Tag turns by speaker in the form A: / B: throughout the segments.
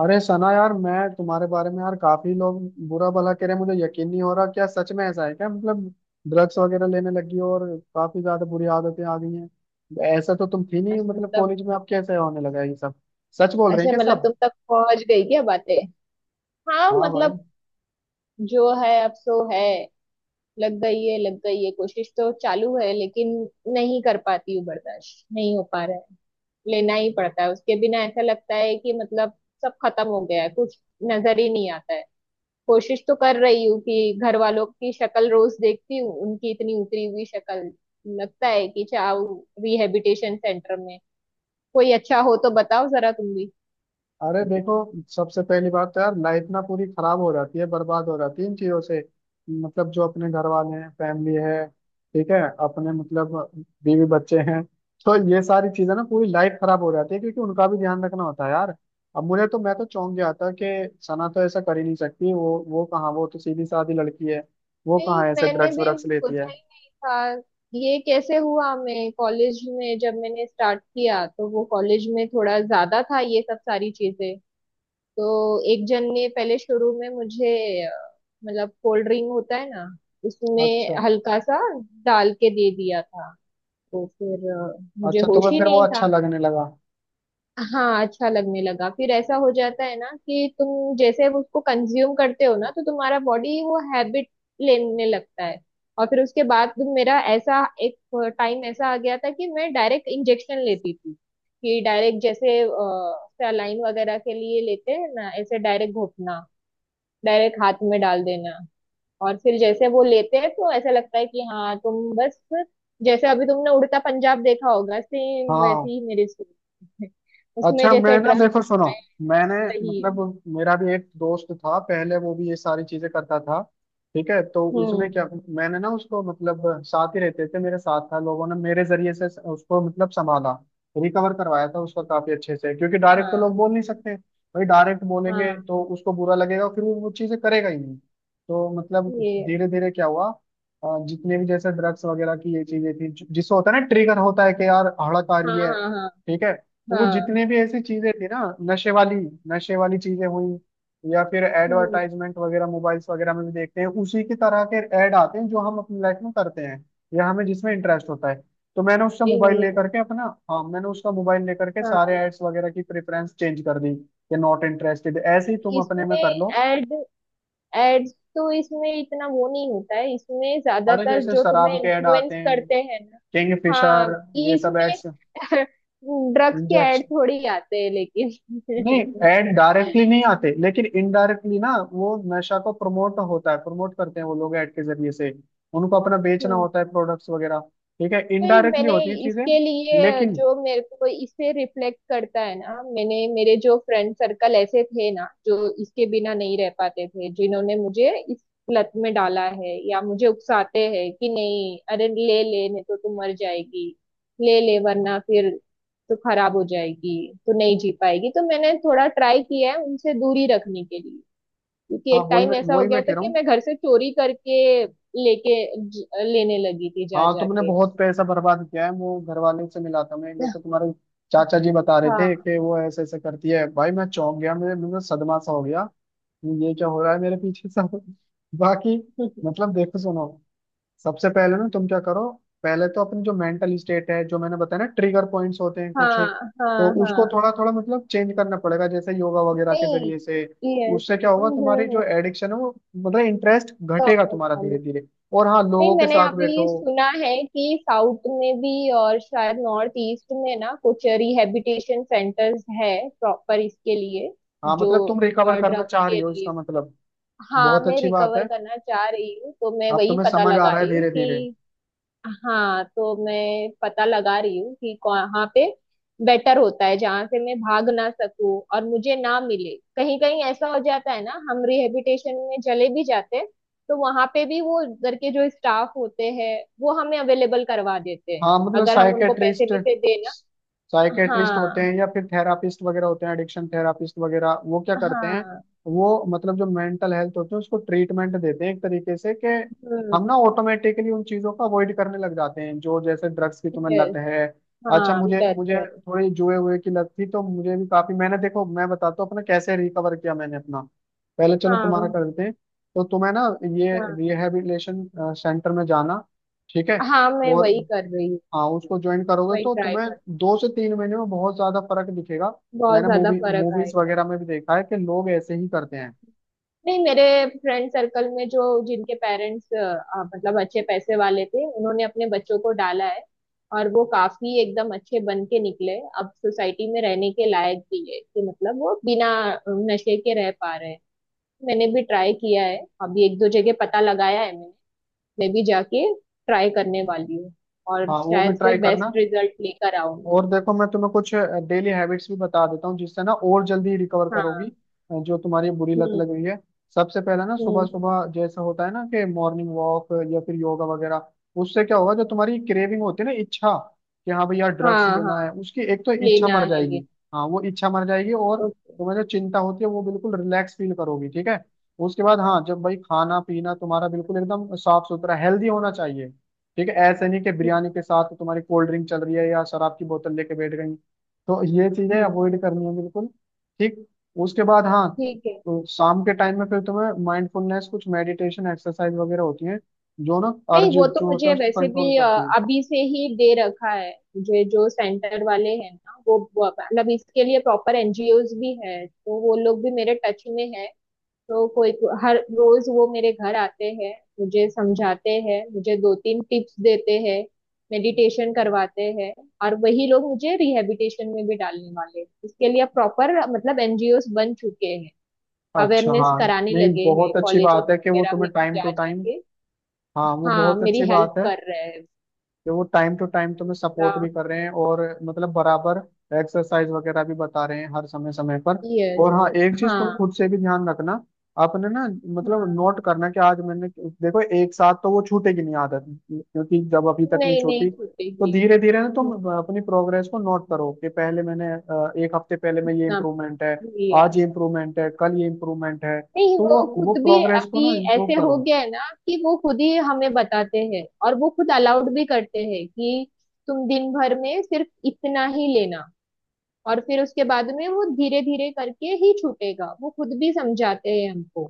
A: अरे सना यार, मैं तुम्हारे बारे में यार काफी लोग बुरा भला कह रहे हैं। मुझे यकीन नहीं हो रहा, क्या सच में ऐसा है? क्या मतलब ड्रग्स वगैरह लेने लगी हो और काफी ज्यादा बुरी आदतें आ गई हैं? ऐसा तो तुम थी नहीं,
B: अच्छा
A: मतलब
B: मतलब
A: कॉलेज में अब कैसे होने लगा है ये सब? सच बोल रहे हैं
B: अच्छा
A: क्या
B: मतलब
A: सब?
B: तुम तक पहुंच गई क्या बातें। हाँ
A: हाँ भाई।
B: मतलब जो है अब सो है। लग गई है, लग गई है, कोशिश तो चालू है लेकिन नहीं कर पाती हूँ। बर्दाश्त नहीं हो पा रहा है, लेना ही पड़ता है। उसके बिना ऐसा लगता है कि मतलब सब खत्म हो गया है, कुछ नजर ही नहीं आता है। कोशिश तो कर रही हूँ कि घर वालों की शक्ल रोज देखती हूँ, उनकी इतनी उतरी हुई शक्ल लगता है कि जाओ रिहेबिटेशन सेंटर में। कोई अच्छा हो तो बताओ जरा तुम भी।
A: अरे देखो, सबसे पहली बात तो यार लाइफ ना पूरी खराब हो जाती है, बर्बाद हो जाती है इन चीजों से। मतलब जो अपने घर वाले हैं, फैमिली है, ठीक है, अपने मतलब बीवी बच्चे हैं, तो ये सारी चीजें ना पूरी लाइफ खराब हो जाती है क्योंकि उनका भी ध्यान रखना होता है यार। अब मुझे तो, मैं तो चौंक गया था कि सना तो ऐसा कर ही नहीं सकती। वो कहाँ, वो तो सीधी सादी लड़की है। वो
B: नहीं,
A: कहाँ ऐसे
B: मैंने
A: ड्रग्स
B: भी
A: व्रग्स लेती है।
B: सोचा ही नहीं था, ये कैसे हुआ। मैं कॉलेज में जब मैंने स्टार्ट किया तो वो कॉलेज में थोड़ा ज्यादा था ये सब सारी चीजें। तो एक जन ने पहले शुरू में मुझे अ, मतलब कोल्ड ड्रिंक होता है ना, उसमें
A: अच्छा।
B: हल्का सा डाल के दे दिया था। तो फिर मुझे
A: अच्छा,
B: होश
A: तुम्हें
B: ही
A: फिर वो
B: नहीं
A: अच्छा
B: था।
A: लगने लगा।
B: हाँ, अच्छा लगने लगा, फिर ऐसा हो जाता है ना कि तुम जैसे उसको कंज्यूम करते हो ना, तो तुम्हारा बॉडी वो हैबिट लेने लगता है। और फिर उसके बाद तुम मेरा ऐसा एक टाइम ऐसा आ गया था कि मैं डायरेक्ट इंजेक्शन लेती थी, कि डायरेक्ट जैसे सलाइन वगैरह के लिए लेते हैं ना, ऐसे डायरेक्ट घोटना, डायरेक्ट हाथ में डाल देना। और फिर जैसे वो लेते हैं तो ऐसा लगता है कि हाँ तुम बस, जैसे अभी तुमने उड़ता पंजाब देखा होगा सेम वैसे
A: हाँ
B: ही मेरी स्टोरी है। उसमें
A: अच्छा,
B: जैसे
A: मैं ना
B: ड्रग्स
A: देखो सुनो, मैंने
B: सही है।
A: मतलब मेरा भी एक दोस्त था पहले, वो भी ये सारी चीजें करता था, ठीक है। तो उसने
B: हम्म।
A: क्या, मैंने ना उसको मतलब साथ ही रहते थे, मेरे साथ था, लोगों ने मेरे जरिए से उसको मतलब संभाला, रिकवर करवाया था उसका काफी अच्छे से, क्योंकि डायरेक्ट तो लोग
B: हाँ,
A: बोल नहीं सकते। भाई डायरेक्ट बोलेंगे
B: हाँ,
A: तो उसको बुरा लगेगा, फिर वो चीजें करेगा ही नहीं। तो मतलब
B: ये,
A: धीरे धीरे क्या हुआ, जितने भी जैसे ड्रग्स वगैरह की ये चीजें थी जिससे होता है ना, ट्रिगर होता है कि यार हड़क आ
B: हाँ,
A: रही है,
B: हाँ, हाँ,
A: ठीक है। तो वो
B: हाँ,
A: जितने भी ऐसी चीजें थी ना, नशे वाली नशे वाली चीजें हुई, या फिर
B: हम्म,
A: एडवर्टाइजमेंट वगैरह मोबाइल्स वगैरह में भी देखते हैं, उसी की तरह के ऐड आते हैं जो हम अपनी लाइफ में करते हैं या हमें जिसमें इंटरेस्ट होता है। तो मैंने उसका
B: ये है,
A: मोबाइल
B: ये है।
A: लेकर के अपना, हाँ मैंने उसका मोबाइल लेकर के सारे
B: हाँ,
A: एड्स वगैरह की प्रेफरेंस चेंज कर दी कि नॉट इंटरेस्टेड, ऐसे ही तुम अपने
B: इसमें
A: में कर लो।
B: एड एड्स तो इसमें इतना वो नहीं होता है, इसमें
A: अरे
B: ज्यादातर
A: जैसे
B: जो तुम्हें
A: शराब के ऐड आते
B: इन्फ्लुएंस
A: हैं,
B: करते हैं ना,
A: किंग
B: हाँ
A: फिशर,
B: ये
A: ये सब।
B: इसमें। ड्रग्स के
A: एड्स
B: एड थोड़ी आते हैं
A: नहीं,
B: लेकिन।
A: ऐड डायरेक्टली नहीं आते लेकिन इनडायरेक्टली ना, वो नशा को प्रमोट होता है, प्रमोट करते हैं वो लोग ऐड के जरिए से, उनको अपना बेचना होता है प्रोडक्ट्स वगैरह, ठीक है,
B: नहीं,
A: इनडायरेक्टली
B: मैंने
A: होती है चीजें
B: इसके लिए
A: लेकिन।
B: जो मेरे को इसे रिफ्लेक्ट करता है ना, मैंने मेरे जो फ्रेंड सर्कल ऐसे थे ना जो इसके बिना नहीं रह पाते थे, जिन्होंने मुझे इस लत में डाला है या मुझे उकसाते हैं कि नहीं अरे ले ले, नहीं तो तू मर जाएगी, ले ले वरना फिर तो खराब हो जाएगी, तो नहीं जी पाएगी। तो मैंने थोड़ा ट्राई किया है उनसे दूरी रखने के लिए, क्योंकि
A: हाँ
B: एक टाइम ऐसा हो
A: वही
B: गया
A: मैं कह
B: था
A: रहा
B: कि
A: हूँ।
B: मैं घर से चोरी करके लेके लेने लगी थी, जा
A: हाँ
B: जा
A: तुमने
B: के।
A: बहुत पैसा बर्बाद किया है, वो घर वाले से मिला था मैं एक बार, तो तुम्हारे चाचा जी बता रहे थे
B: हाँ।
A: कि वो ऐसे ऐसे करती है भाई, मैं चौंक गया, मेरे, मुझे सदमा सा हो गया, ये क्या हो रहा है मेरे पीछे सब। बाकी मतलब देखो सुनो, सबसे पहले ना तुम क्या करो, पहले तो अपनी जो मेंटल स्टेट है जो मैंने बताया ना, ट्रिगर पॉइंट्स होते हैं कुछ,
B: हाँ,
A: तो
B: हाँ,
A: उसको
B: हाँ,
A: थोड़ा थोड़ा मतलब चेंज करना पड़ेगा जैसे योगा वगैरह के
B: नहीं,
A: जरिए से।
B: यस,
A: उससे क्या होगा, तुम्हारी
B: कम
A: जो एडिक्शन है वो मतलब इंटरेस्ट घटेगा
B: होने
A: तुम्हारा
B: वाली।
A: धीरे धीरे। और हाँ,
B: नहीं,
A: लोगों के
B: मैंने
A: साथ
B: अभी
A: बैठो।
B: सुना है कि साउथ में भी और शायद नॉर्थ ईस्ट में ना कुछ रिहैबिलिटेशन सेंटर्स है प्रॉपर इसके लिए,
A: हाँ
B: जो
A: मतलब तुम रिकवर करना
B: ड्रग्स
A: चाह रही
B: के
A: हो,
B: लिए
A: इसका
B: होते हैं।
A: मतलब
B: हाँ,
A: बहुत
B: मैं
A: अच्छी बात
B: रिकवर
A: है।
B: करना चाह रही हूँ, तो मैं
A: अब
B: वही
A: तुम्हें
B: पता
A: समझ आ
B: लगा
A: रहा है
B: रही हूँ
A: धीरे धीरे।
B: कि हाँ तो मैं पता लगा रही हूँ कि कहाँ पे बेटर होता है जहाँ से मैं भाग ना सकूं और मुझे ना मिले, कहीं कहीं ऐसा हो जाता है ना हम रिहेबिटेशन में चले भी जाते हैं तो वहां पे भी वो उधर के जो स्टाफ होते हैं वो हमें अवेलेबल करवा देते हैं
A: हाँ मतलब
B: अगर हम उनको पैसे
A: साइकेट्रिस्ट,
B: भी से देना।
A: साइकेट्रिस्ट होते
B: हाँ,
A: हैं या फिर थेरापिस्ट वगैरह होते हैं, एडिक्शन थेरापिस्ट वगैरह, वो क्या करते हैं,
B: हाँ,
A: वो मतलब जो मेंटल हेल्थ होती है उसको ट्रीटमेंट देते हैं एक तरीके से, कि
B: हम्म,
A: हम ना ऑटोमेटिकली उन चीजों को अवॉइड करने लग जाते हैं जो जैसे ड्रग्स की तुम्हें लत
B: यस,
A: है। अच्छा
B: हाँ
A: मुझे मुझे
B: बेहतर,
A: थोड़ी जुए हुए की लत थी, तो मुझे भी काफी, मैंने देखो मैं बताता हूँ अपना कैसे रिकवर किया मैंने अपना। पहले चलो
B: हाँ,
A: तुम्हारा कर देते हैं। तो तुम्हें ना ये
B: हाँ,
A: रिहेबिलिटेशन सेंटर में जाना, ठीक है।
B: हाँ, मैं
A: और
B: वही कर रही हूँ,
A: हाँ, उसको ज्वाइन करोगे
B: वही
A: तो
B: ट्राई
A: तुम्हें
B: कर।
A: 2 से 3 महीने में बहुत ज्यादा फर्क दिखेगा।
B: बहुत
A: मैंने
B: ज्यादा फर्क
A: मूवीज
B: आएगा।
A: वगैरह में भी देखा है कि लोग ऐसे ही करते हैं।
B: नहीं, मेरे फ्रेंड सर्कल में जो जिनके पेरेंट्स मतलब अच्छे पैसे वाले थे उन्होंने अपने बच्चों को डाला है, और वो काफी एकदम अच्छे बन के निकले, अब सोसाइटी में रहने के लायक भी है कि मतलब वो बिना नशे के रह पा रहे हैं। मैंने भी ट्राई किया है, अभी एक दो जगह पता लगाया है मैंने, मैं भी जाके ट्राई करने वाली हूँ और
A: हाँ वो भी
B: शायद से
A: ट्राई करना।
B: बेस्ट रिजल्ट लेकर आऊं
A: और
B: मैं।
A: देखो मैं तुम्हें कुछ डेली हैबिट्स भी बता देता हूँ जिससे ना और जल्दी रिकवर करोगी।
B: हाँ,
A: जो तुम्हारी बुरी लत लग
B: हम्म,
A: रही है, सबसे पहले ना, सुबह
B: हम्म,
A: सुबह जैसा होता है ना, कि मॉर्निंग वॉक या फिर योगा वगैरह, उससे क्या होगा, जो तुम्हारी क्रेविंग होती है ना, इच्छा कि हाँ भैया ड्रग्स
B: हाँ, हाँ,
A: लेना है, उसकी एक तो इच्छा
B: लेना
A: मर
B: है
A: जाएगी।
B: लेना,
A: हाँ वो इच्छा मर जाएगी, और
B: ओके,
A: तुम्हें जो चिंता होती है वो बिल्कुल रिलैक्स फील करोगी, ठीक है। उसके बाद हाँ, जब भाई खाना पीना तुम्हारा बिल्कुल एकदम साफ सुथरा हेल्दी होना चाहिए, ठीक है, ऐसे नहीं कि
B: हम्म,
A: बिरयानी के साथ तुम्हारी कोल्ड ड्रिंक चल रही है या शराब की बोतल लेके बैठ गई, तो ये चीजें
B: हम्म,
A: अवॉइड करनी है बिल्कुल, ठीक। उसके बाद हाँ,
B: ठीक है।
A: तो शाम के टाइम में फिर तुम्हें माइंडफुलनेस, कुछ मेडिटेशन एक्सरसाइज वगैरह होती है जो ना
B: नहीं
A: अर्ज
B: वो तो
A: जो होता है
B: मुझे
A: उसको
B: वैसे
A: कंट्रोल
B: भी
A: करती है।
B: अभी से ही दे रखा है। मुझे जो सेंटर वाले हैं ना, वो मतलब इसके लिए प्रॉपर एनजीओज भी है, तो वो लोग भी मेरे टच में है, तो कोई हर रोज वो मेरे घर आते हैं, मुझे समझाते हैं, मुझे दो तीन टिप्स देते हैं, मेडिटेशन करवाते हैं, और वही लोग मुझे रिहैबिलिटेशन में भी डालने वाले हैं। इसके लिए प्रॉपर मतलब एनजीओज बन चुके हैं,
A: अच्छा
B: अवेयरनेस
A: हाँ,
B: कराने
A: नहीं
B: लगे हैं
A: बहुत अच्छी
B: कॉलेजेस
A: बात है कि वो
B: वगैरह में
A: तुम्हें
B: भी
A: टाइम टू
B: जा
A: टाइम,
B: जाके।
A: हाँ वो
B: हाँ
A: बहुत
B: मेरी
A: अच्छी
B: हेल्प
A: बात है
B: कर रहे हैं।
A: कि वो टाइम टू टाइम तुम्हें
B: ना,
A: सपोर्ट भी कर रहे हैं, और मतलब बराबर एक्सरसाइज वगैरह भी बता रहे हैं हर समय समय पर।
B: यस,
A: और हाँ, एक चीज तुम
B: हाँ,
A: खुद से भी ध्यान रखना, आपने ना मतलब
B: हाँ,
A: नोट करना कि आज मैंने, देखो एक साथ तो वो छूटेगी नहीं आदत, क्योंकि जब अभी तक नहीं
B: नहीं, नहीं
A: छूटी तो
B: छूटेगी,
A: धीरे धीरे ना तुम अपनी प्रोग्रेस को नोट करो कि पहले मैंने, एक हफ्ते पहले में ये
B: ना,
A: इम्प्रूवमेंट है,
B: यस।
A: आज ये इम्प्रूवमेंट है, कल ये इम्प्रूवमेंट है,
B: नहीं
A: तो
B: वो
A: वो
B: खुद भी
A: प्रोग्रेस को
B: अभी
A: ना इम्प्रूव
B: ऐसे हो
A: करो।
B: गया है ना कि वो खुद ही हमें बताते हैं और वो खुद अलाउड भी करते हैं कि तुम दिन भर में सिर्फ इतना ही लेना, और फिर उसके बाद में वो धीरे धीरे करके ही छूटेगा, वो खुद भी समझाते हैं हमको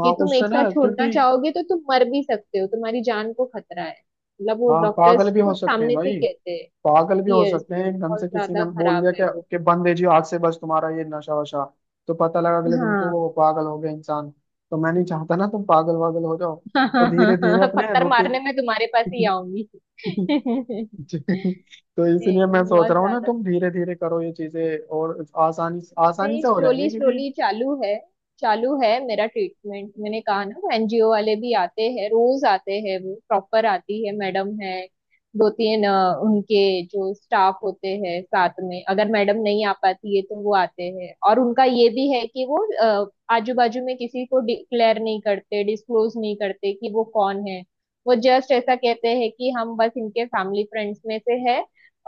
A: हाँ
B: कि तुम
A: उससे
B: एक
A: ना,
B: साथ छोड़ना
A: क्योंकि
B: चाहोगे तो तुम मर भी सकते हो, तुम्हारी जान को खतरा है, मतलब वो
A: हाँ पागल
B: डॉक्टर्स
A: भी हो
B: खुद
A: सकते हैं
B: सामने से
A: भाई,
B: कहते हैं।
A: पागल भी हो
B: यस,
A: सकते हैं, एकदम
B: बहुत
A: से किसी ने
B: ज्यादा
A: बोल
B: खराब
A: दिया
B: है वो।
A: कि बंद है जी आज से बस तुम्हारा ये नशा वशा, तो पता लगा अगले दिन को
B: हाँ।
A: वो पागल हो गया इंसान। तो मैं नहीं चाहता ना तुम पागल वागल हो जाओ। तो धीरे धीरे अपने
B: पत्थर
A: रूटीन।
B: मारने में तुम्हारे पास ही आऊंगी।
A: तो इसलिए मैं
B: नहीं,
A: सोच
B: बहुत
A: रहा हूँ ना,
B: ज्यादा
A: तुम धीरे धीरे करो ये चीजें और आसानी आसानी
B: नहीं,
A: से हो जाएंगे
B: स्लोली
A: क्योंकि,
B: स्लोली चालू है, चालू है मेरा ट्रीटमेंट। मैंने कहा ना वो एनजीओ वाले भी आते हैं, रोज आते हैं वो, प्रॉपर आती है मैडम है। दो तीन उनके जो स्टाफ होते हैं साथ में, अगर मैडम नहीं आ पाती है तो वो आते हैं, और उनका ये भी है कि वो आजू बाजू में किसी को डिक्लेयर नहीं करते, डिस्क्लोज नहीं करते कि वो कौन है। वो जस्ट ऐसा कहते हैं कि हम बस इनके फैमिली फ्रेंड्स में से है,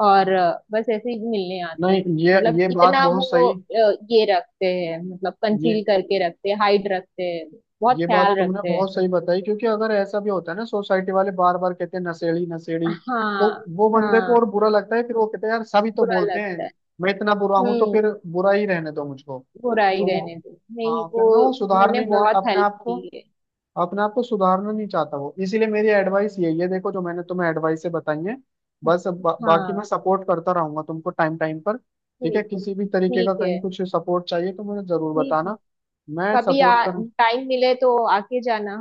B: और बस ऐसे ही मिलने आते
A: नहीं
B: हैं।
A: ये
B: मतलब
A: ये बात
B: इतना
A: बहुत
B: वो
A: सही,
B: ये रखते हैं, मतलब
A: ये
B: कंसील करके रखते हैं, हाइड रखते हैं, बहुत
A: ये बात
B: ख्याल
A: तुमने
B: रखते हैं।
A: बहुत सही बताई, क्योंकि अगर ऐसा भी होता है ना, सोसाइटी वाले बार बार कहते हैं नशेड़ी नशेड़ी, तो
B: हाँ,
A: वो बंदे को और
B: हाँ,
A: बुरा लगता है, फिर वो कहते हैं यार सभी तो
B: बुरा
A: बोलते हैं,
B: लगता है।
A: मैं इतना बुरा हूं तो
B: हम्म,
A: फिर बुरा ही रहने दो मुझको।
B: बुरा ही
A: तो वो
B: रहने दो। नहीं
A: हाँ, फिर
B: वो
A: ना वो
B: उन्होंने
A: सुधारने ही ना
B: बहुत
A: अपने
B: हेल्प
A: आप को,
B: की है।
A: अपने आप को सुधारना नहीं चाहता वो, इसीलिए मेरी एडवाइस यही है, देखो जो मैंने तुम्हें एडवाइस से बताई है। बस अब बाकी
B: हाँ,
A: मैं सपोर्ट करता रहूंगा तुमको टाइम टाइम पर, ठीक है,
B: ठीक है,
A: किसी भी तरीके का
B: ठीक है,
A: कहीं कुछ सपोर्ट चाहिए तो मुझे जरूर
B: ठीक है।
A: बताना। मैं
B: कभी आ
A: सपोर्ट कर,
B: टाइम मिले तो आके जाना,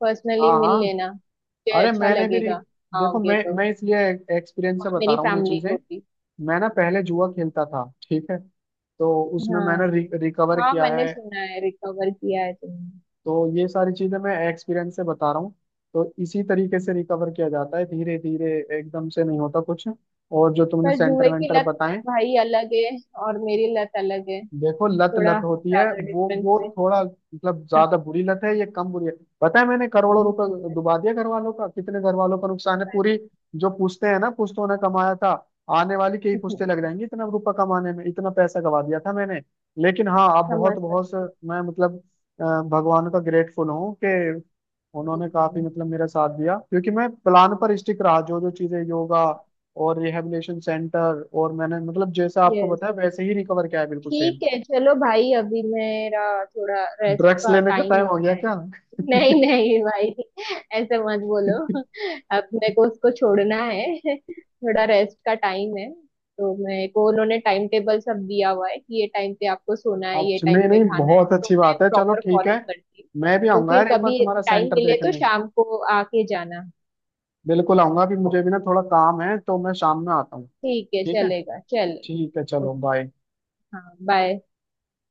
B: पर्सनली
A: हाँ
B: मिल
A: हाँ,
B: लेना, मुझे
A: अरे
B: अच्छा
A: मैंने भी
B: लगेगा।
A: देखो,
B: आओगे
A: मैं
B: तो
A: मैं इसलिए एक्सपीरियंस
B: और
A: से बता
B: मेरी
A: रहा हूँ ये
B: फैमिली
A: चीजें।
B: को भी।
A: मैं ना पहले जुआ खेलता था, ठीक है, तो उसमें मैंने
B: हाँ,
A: रिकवर
B: हाँ,
A: किया
B: मैंने
A: है।
B: सुना है रिकवर किया है तुमने।
A: तो ये सारी चीजें मैं एक्सपीरियंस से बता रहा हूँ, तो इसी तरीके से रिकवर किया जाता है धीरे धीरे, एकदम से नहीं होता कुछ। और जो तुमने
B: पर
A: सेंटर
B: जुए की
A: वेंटर
B: लत
A: बताएं,
B: भाई अलग है और मेरी लत अलग है,
A: देखो लत लत
B: थोड़ा
A: होती है,
B: ज्यादा
A: वो
B: डिफरेंस है।
A: थोड़ा मतलब ज्यादा बुरी लत है, ये कम बुरी है। पता है मैंने करोड़ों
B: वही की
A: रुपए
B: लत,
A: डुबा दिया घर वालों का, कितने घर वालों का नुकसान है पूरी,
B: अरे।
A: जो पूछते हैं ना पुश्तों ने कमाया था, आने वाली के ही पुश्ते लग जाएंगी इतना रुपया कमाने में, इतना पैसा गवा दिया था मैंने। लेकिन हाँ, अब बहुत
B: समझ
A: बहुत, मैं मतलब भगवान का ग्रेटफुल हूँ कि उन्होंने काफी
B: सकती,
A: मतलब मेरा साथ दिया, क्योंकि मैं प्लान पर स्टिक रहा, जो जो चीजें योगा और रिहैबिलिटेशन सेंटर, और मैंने मतलब जैसा आपको
B: यस।
A: बताया वैसे ही रिकवर किया है, बिल्कुल
B: ठीक
A: सेम।
B: है चलो भाई, अभी मेरा थोड़ा रेस्ट
A: ड्रग्स
B: का
A: लेने का
B: टाइम
A: टाइम
B: हो।
A: हो गया क्या?
B: नहीं नहीं भाई, ऐसे मत बोलो, अब मेरे को उसको छोड़ना है। थोड़ा रेस्ट का टाइम है, तो मेरे को उन्होंने टाइम टेबल सब दिया हुआ है कि ये टाइम पे आपको सोना है, ये
A: अच्छा
B: टाइम
A: नहीं
B: पे
A: नहीं,
B: खाना है,
A: बहुत
B: तो
A: अच्छी
B: मैं
A: बात है, चलो
B: प्रॉपर
A: ठीक है।
B: फॉलो करती हूँ।
A: मैं भी
B: तो
A: आऊंगा
B: फिर
A: यार एक बार
B: कभी
A: तुम्हारा
B: टाइम
A: सेंटर
B: मिले तो
A: देखने,
B: शाम को आके जाना।
A: बिल्कुल आऊंगा भी, मुझे भी ना थोड़ा काम है तो मैं शाम में आता हूँ।
B: ठीक है
A: ठीक है।
B: चलेगा,
A: ठीक है
B: चलो
A: चलो
B: ओके,
A: बाय।
B: हाँ बाय।